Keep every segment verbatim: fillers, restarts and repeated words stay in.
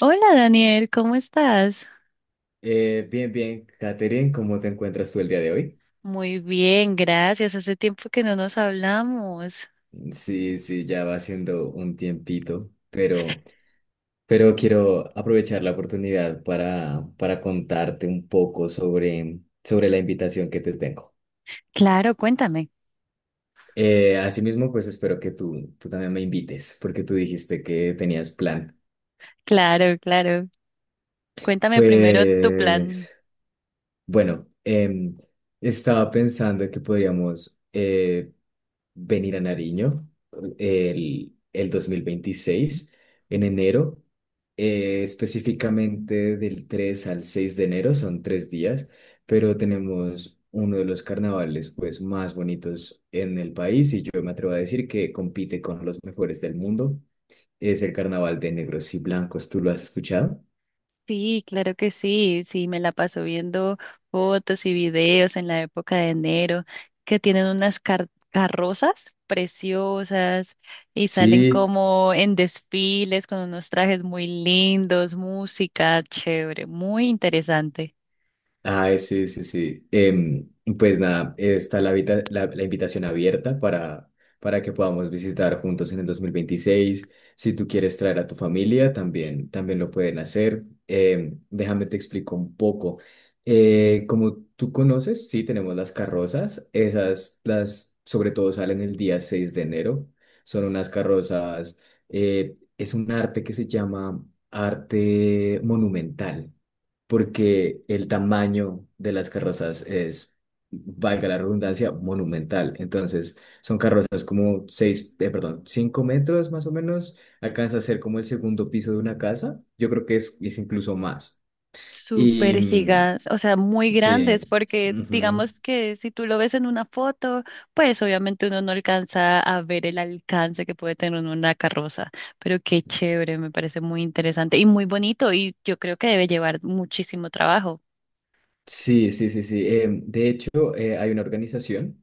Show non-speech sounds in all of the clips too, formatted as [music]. Hola Daniel, ¿cómo estás? Eh, bien, bien, Katherine, ¿cómo te encuentras tú el día de hoy? Muy bien, gracias. Hace tiempo que no nos hablamos. Sí, sí, ya va siendo un tiempito, pero, pero quiero aprovechar la oportunidad para, para contarte un poco sobre, sobre la invitación que te tengo. Claro, cuéntame. Eh, asimismo, pues espero que tú, tú también me invites, porque tú dijiste que tenías plan. Claro, claro. Cuéntame primero tu plan. Pues, bueno, em, estaba pensando que podríamos... eh, venir a Nariño el, el dos mil veintiséis en enero, eh, específicamente del tres al seis de enero, son tres días, pero tenemos uno de los carnavales pues más bonitos en el país y yo me atrevo a decir que compite con los mejores del mundo. Es el carnaval de negros y blancos, ¿tú lo has escuchado? Sí, claro que sí. Sí, me la paso viendo fotos y videos en la época de enero que tienen unas car- carrozas preciosas y salen Sí. como en desfiles con unos trajes muy lindos, música chévere, muy interesante. Ay, sí, sí, sí. Em, pues nada, está la, vita- la, la invitación abierta para, para que podamos visitar juntos en el dos mil veintiséis. Si tú quieres traer a tu familia, también, también lo pueden hacer. Em, déjame te explico un poco. Eh, como tú conoces, sí, tenemos las carrozas. Esas, las, sobre todo, salen el día seis de enero. Son unas carrozas, eh, es un arte que se llama arte monumental porque el tamaño de las carrozas es, valga la redundancia, monumental. Entonces, son carrozas como seis, eh, perdón, cinco metros más o menos, alcanza a ser como el segundo piso de una casa. Yo creo que es, es incluso más. Y Súper mm, gigas, o sea, muy grandes, sí, porque ujú. digamos que si tú lo ves en una foto, pues obviamente uno no alcanza a ver el alcance que puede tener una carroza, pero qué chévere, me parece muy interesante y muy bonito y yo creo que debe llevar muchísimo trabajo. Sí, sí, sí, sí. Em, de hecho, eh, hay una organización,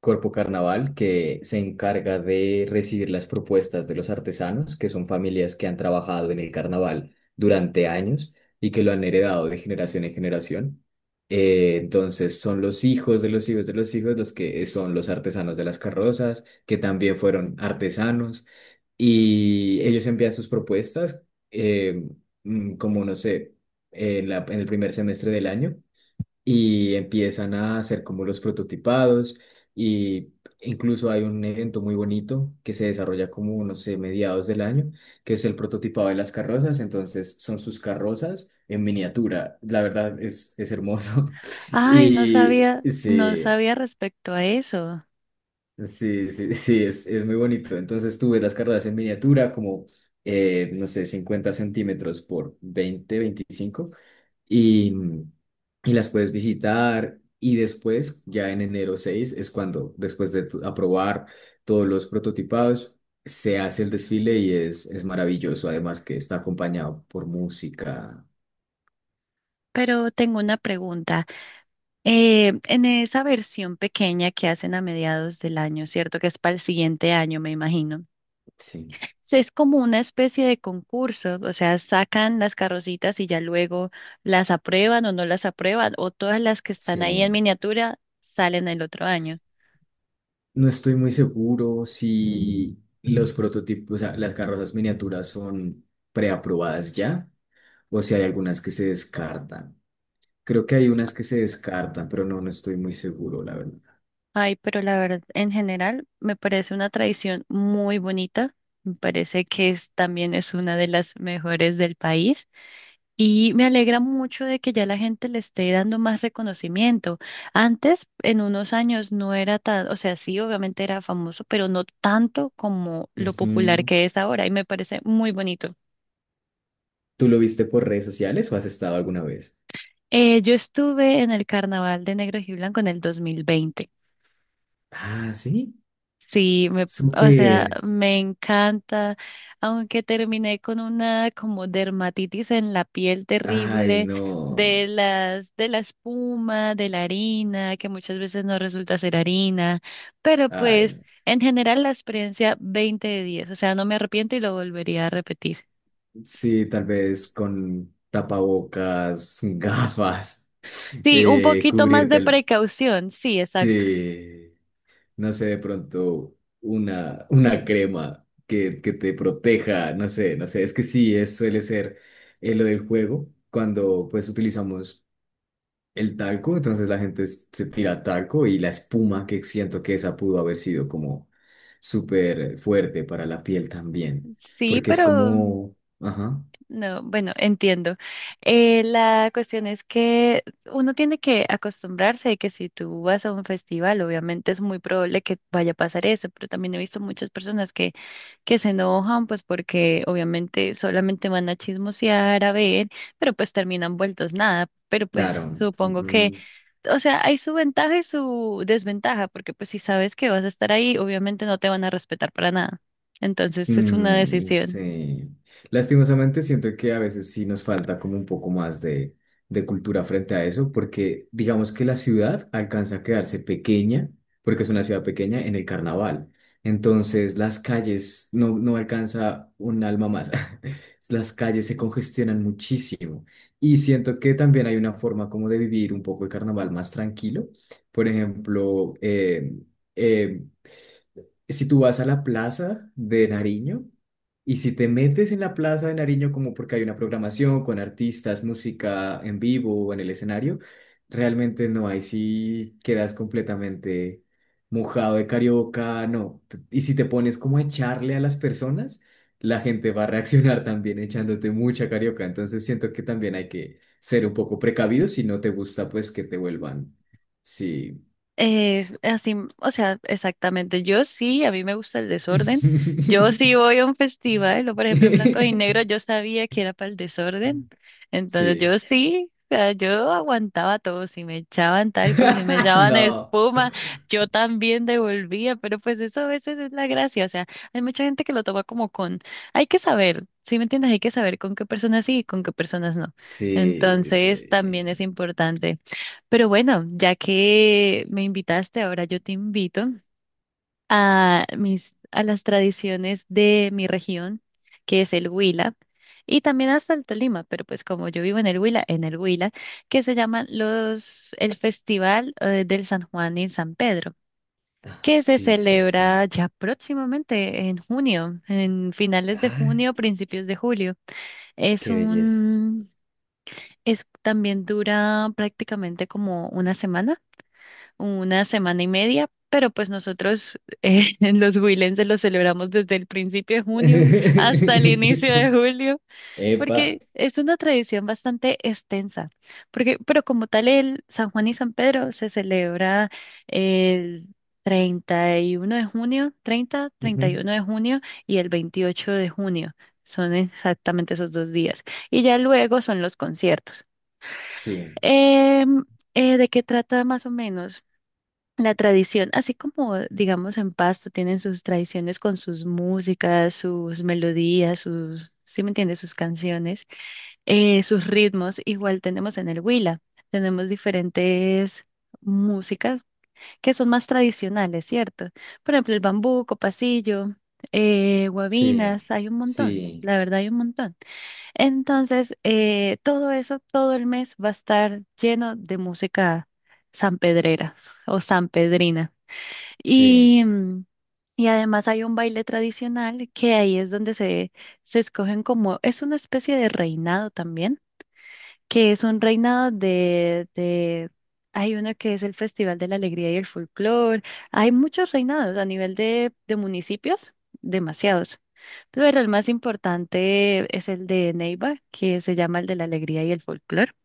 Corpo Carnaval, que se encarga de recibir las propuestas de los artesanos, que son familias que han trabajado en el carnaval durante años y que lo han heredado de generación en generación. Eh, entonces son los hijos de los hijos de los hijos los que son los artesanos de las carrozas, que también fueron artesanos, y ellos envían sus propuestas, eh, mm, como no sé, en la- en el primer semestre del año y empiezan a hacer como los prototipados y incluso hay un evento muy bonito que se desarrolla como, no sé, mediados del año, que es el prototipado de las carrozas, entonces son sus carrozas en miniatura, la verdad es, es hermoso [laughs] Ay, no y sabía, no sí, sabía respecto a eso. sí, sí, sí, es, es muy bonito, entonces tú ves las carrozas en miniatura como, eh, no sé, cincuenta centímetros por veinte veinticinco, y, y las puedes visitar. Y después, ya en enero seis es cuando, después de tu- aprobar todos los prototipados, se hace el desfile y es, es maravilloso. Además que está acompañado por música. Pero tengo una pregunta. Eh, en esa versión pequeña que hacen a mediados del año, ¿cierto? Que es para el siguiente año, me imagino. Sí, Sí, es como una especie de concurso, o sea, sacan las carrocitas y ya luego las aprueban o no las aprueban, o todas las que están ahí en sí. miniatura salen el otro año. No estoy muy seguro si los prototipos, o sea, las carrozas miniaturas son preaprobadas ya o si hay algunas que se descartan. Creo que hay unas que se descartan, pero no, no estoy muy seguro, la verdad. Ay, pero la verdad, en general, me parece una tradición muy bonita, me parece que es, también es una de las mejores del país. Y me alegra mucho de que ya la gente le esté dando más reconocimiento. Antes, en unos años, no era tan, o sea, sí, obviamente era famoso, pero no tanto como lo popular Ujú. que es ahora y me parece muy bonito. ¿Tú lo viste por redes sociales o has estado alguna vez? Eh, yo estuve en el Carnaval de Negro y Blanco en el dos mil veinte. Ah, sí, Sí, me, o sea, súper. me encanta, aunque terminé con una como dermatitis en la piel Ay, terrible de no. las de la espuma, de la harina, que muchas veces no resulta ser harina, pero Ay, pues no. en general la experiencia veinte de diez, o sea, no me arrepiento y lo volvería a repetir. Sí, tal vez con tapabocas, [laughs] gafas, Sí, un eh, poquito más cubrirte de el... precaución, sí, exacto. Sí, no sé, de pronto una, una crema que, que te proteja, no sé, no sé, es que sí, es, suele ser, eh, lo del juego cuando pues utilizamos... el talco, entonces la gente s- se tira talco y la espuma, que siento que esa pudo haber sido como súper fuerte para la piel también, Sí, porque es pero como, ajá, no, bueno, entiendo. Eh, la cuestión es que uno tiene que acostumbrarse de que si tú vas a un festival, obviamente es muy probable que vaya a pasar eso, pero también he visto muchas personas que, que se enojan, pues porque obviamente solamente van a chismosear, a ver, pero pues terminan vueltos nada. Pero pues claro, supongo que, ujú. o sea, hay su ventaja y su desventaja, porque pues si sabes que vas a estar ahí, obviamente no te van a respetar para nada. Entonces es una Mm, decisión. sí. Lastimosamente siento que a veces sí nos falta como un poco más de, de cultura frente a eso, porque digamos que la ciudad alcanza a quedarse pequeña, porque es una ciudad pequeña en el carnaval. Entonces las calles no, no alcanza un alma más. [laughs] Las calles se congestionan muchísimo. Y siento que también hay una forma como de vivir un poco el carnaval más tranquilo. Por ejemplo, em, em, si tú vas a la plaza de Nariño y si te metes en la plaza de Nariño como porque hay una programación con artistas, música en vivo o en el escenario, realmente no, ahí sí quedas completamente mojado de carioca, no. T- Y si te pones como a echarle a las personas, la gente va a reaccionar también echándote mucha carioca, entonces siento que también hay que ser un poco precavido si no te gusta pues que te vuelvan, sí. Eh, así, o sea, exactamente. Yo sí, a mí me gusta el desorden. Yo sí voy [laughs] a un festival, o por ejemplo en blanco y negro, yo [laughs] sabía que era para el desorden. Entonces yo Sí. sí, o sea, yo aguantaba todo. Si me echaban talco, si me [laughs] echaban No. espuma, yo también devolvía. Pero pues eso a veces es la gracia. O sea, hay mucha gente que lo toma como con, hay que saber, ¿sí me entiendes? Hay que saber con qué personas sí y con qué personas no. Sí, Entonces también es sí. importante. Pero bueno, ya que me invitaste, ahora yo te invito a mis, a las tradiciones de mi región, que es el Huila, y también hasta el Tolima, pero pues como yo vivo en el Huila, en el Huila, que se llaman los, el Festival eh, del San Juan y San Pedro, Ah, que se sí, sí, sí. celebra ya próximamente en junio, en finales de Ah, junio, principios de julio. Es qué belleza. un, es, también dura prácticamente como una semana una semana y media, pero pues nosotros eh, [laughs] en los Huilenses lo celebramos desde el principio de junio hasta el inicio de [laughs] julio, Epa. porque es una tradición bastante extensa, porque, pero como tal el San Juan y San Pedro se celebra el treinta y uno de junio, treinta, Ujú. treinta y uno de junio y el veintiocho de junio. Son exactamente esos dos días. Y ya luego son los conciertos. Sí, Em, eh, ¿De qué trata más o menos? La tradición, así como digamos en Pasto tienen sus tradiciones con sus músicas, sus melodías, sus, ¿sí me entiendes? Sus canciones, eh, sus ritmos, igual tenemos en el Huila, tenemos diferentes músicas que son más tradicionales, ¿cierto? Por ejemplo, el bambuco, pasillo, eh, sí, guabinas, hay un montón, sí, la verdad hay un montón. Entonces, eh, todo eso, todo el mes va a estar lleno de música sanpedrera o sanpedrina. sí, Y, mm, y además hay un baile tradicional que ahí es donde se, se escogen como, es una especie de reinado también, que es un reinado de, de, hay uno que es el Festival de la Alegría y el Folclor, hay muchos reinados a nivel de, de municipios, demasiados, pero el más importante es el de Neiva, que se llama el de la Alegría y el Folclor.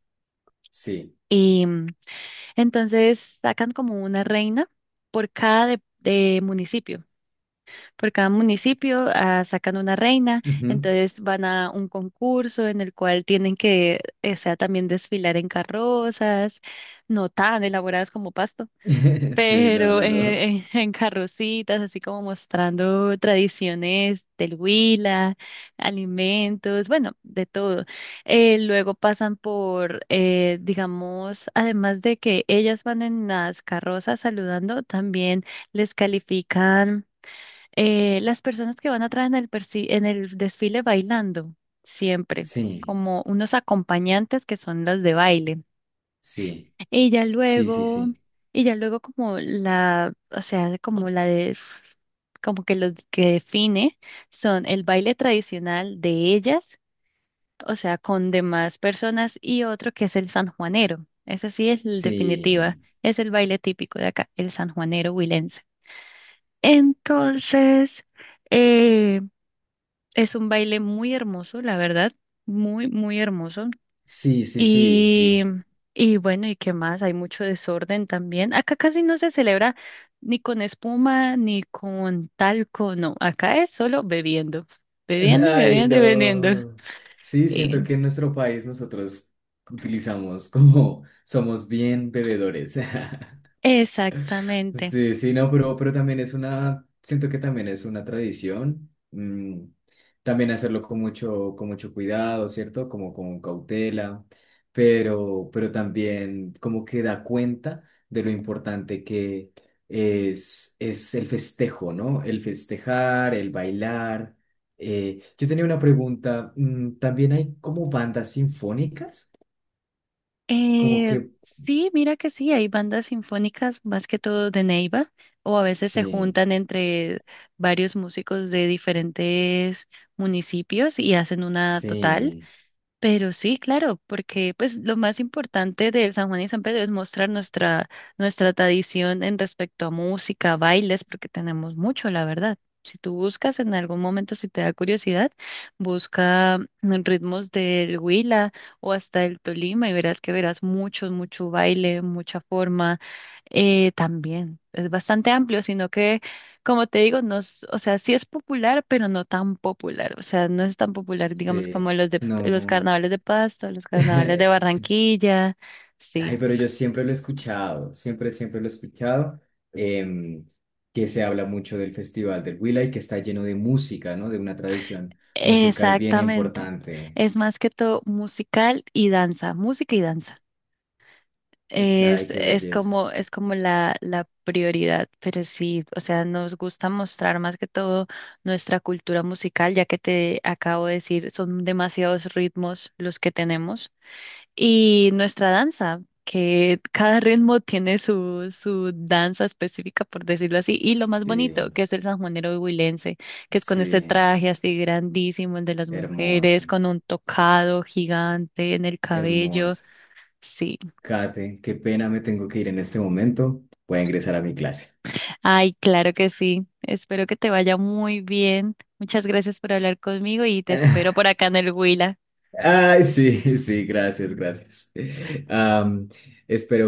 sí. Y mm, entonces sacan como una reina por cada de de municipio. Por cada municipio ah, sacan una reina, Ujú. entonces van a un concurso en el cual tienen que, eh, o sea, también desfilar en carrozas, no tan elaboradas como Pasto, [laughs] Sí, no, pero [laughs] no, eh, no. en, en carrocitas, así como mostrando tradiciones del Huila, alimentos, bueno, de todo. Eh, luego pasan por, eh, digamos, además de que ellas van en las carrozas saludando, también les califican eh, las personas que van atrás en el, persi- en el desfile bailando, siempre, Sí, como unos acompañantes que son las de baile. sí, Y ya sí, sí, luego, sí. y ya luego como la, o sea, como la de, como que lo que define son el baile tradicional de ellas, o sea, con demás personas y otro que es el sanjuanero. Ese sí es el definitiva, Sí, es el baile típico de acá, el sanjuanero huilense. Entonces, eh, es un baile muy hermoso, la verdad, muy, muy hermoso. sí, sí, sí, Y, sí. y bueno, ¿y qué más? Hay mucho desorden también. Acá casi no se celebra ni con espuma, ni con talco, no. Acá es solo bebiendo, bebiendo y Ay, bebiendo y bebiendo. [laughs] no. Sí, Y- siento que en nuestro país nosotros utilizamos como [laughs] somos bien bebedores. [laughs] exactamente. Sí, sí, no, pero, pero también es una, siento que también es una tradición, mm, también hacerlo con mucho, con mucho cuidado, ¿cierto? Como con cautela, pero, pero también como que da cuenta de lo importante que es, es el festejo, ¿no? El festejar, el bailar. Eh, yo tenía una pregunta, mm, ¿también hay como bandas sinfónicas? Como que, Eh, sí, mira que sí, hay bandas sinfónicas más que todo de Neiva, o a veces se sí, juntan entre varios músicos de diferentes municipios y hacen una total. sí, Pero sí, claro, porque pues lo más importante del San Juan y San Pedro es mostrar nuestra, nuestra tradición en respecto a música, bailes, porque tenemos mucho, la verdad. Si tú buscas en algún momento, si te da curiosidad, busca mm, ritmos del Huila o hasta el Tolima y verás que verás mucho, mucho baile, mucha forma. Eh, también es bastante amplio, sino que, como te digo, no, es- o sea, sí es popular, pero no tan popular. O sea, no es tan popular, digamos, sí, como los de los no. carnavales de Pasto, los carnavales de [laughs] Ay, Barranquilla. Sí, pero yo siempre lo he escuchado, siempre, siempre lo he escuchado, em, que se habla mucho del Festival del Huila y que está lleno de música, ¿no? De una tradición musical bien exactamente. importante. Es más que todo musical y danza, música y danza. Es, Ay, qué es belleza. como, es como la, la prioridad, pero sí, o sea, nos gusta mostrar más que todo nuestra cultura musical, ya que te acabo de decir, son demasiados ritmos los que tenemos, y nuestra danza, que cada ritmo tiene su, su danza específica, por decirlo así, y lo más bonito, Sí, que es el sanjuanero huilense, que es con este sí, traje así grandísimo, el de las mujeres, hermoso, con un tocado gigante en el cabello, hermoso. sí. Kate, qué pena, me tengo que ir en este momento. Voy a ingresar a mi clase. Ay, claro que sí. Espero que te vaya muy bien. Muchas gracias por hablar conmigo y te espero [laughs] por acá en el Huila. Ay, sí, sí, gracias, gracias. Am, espero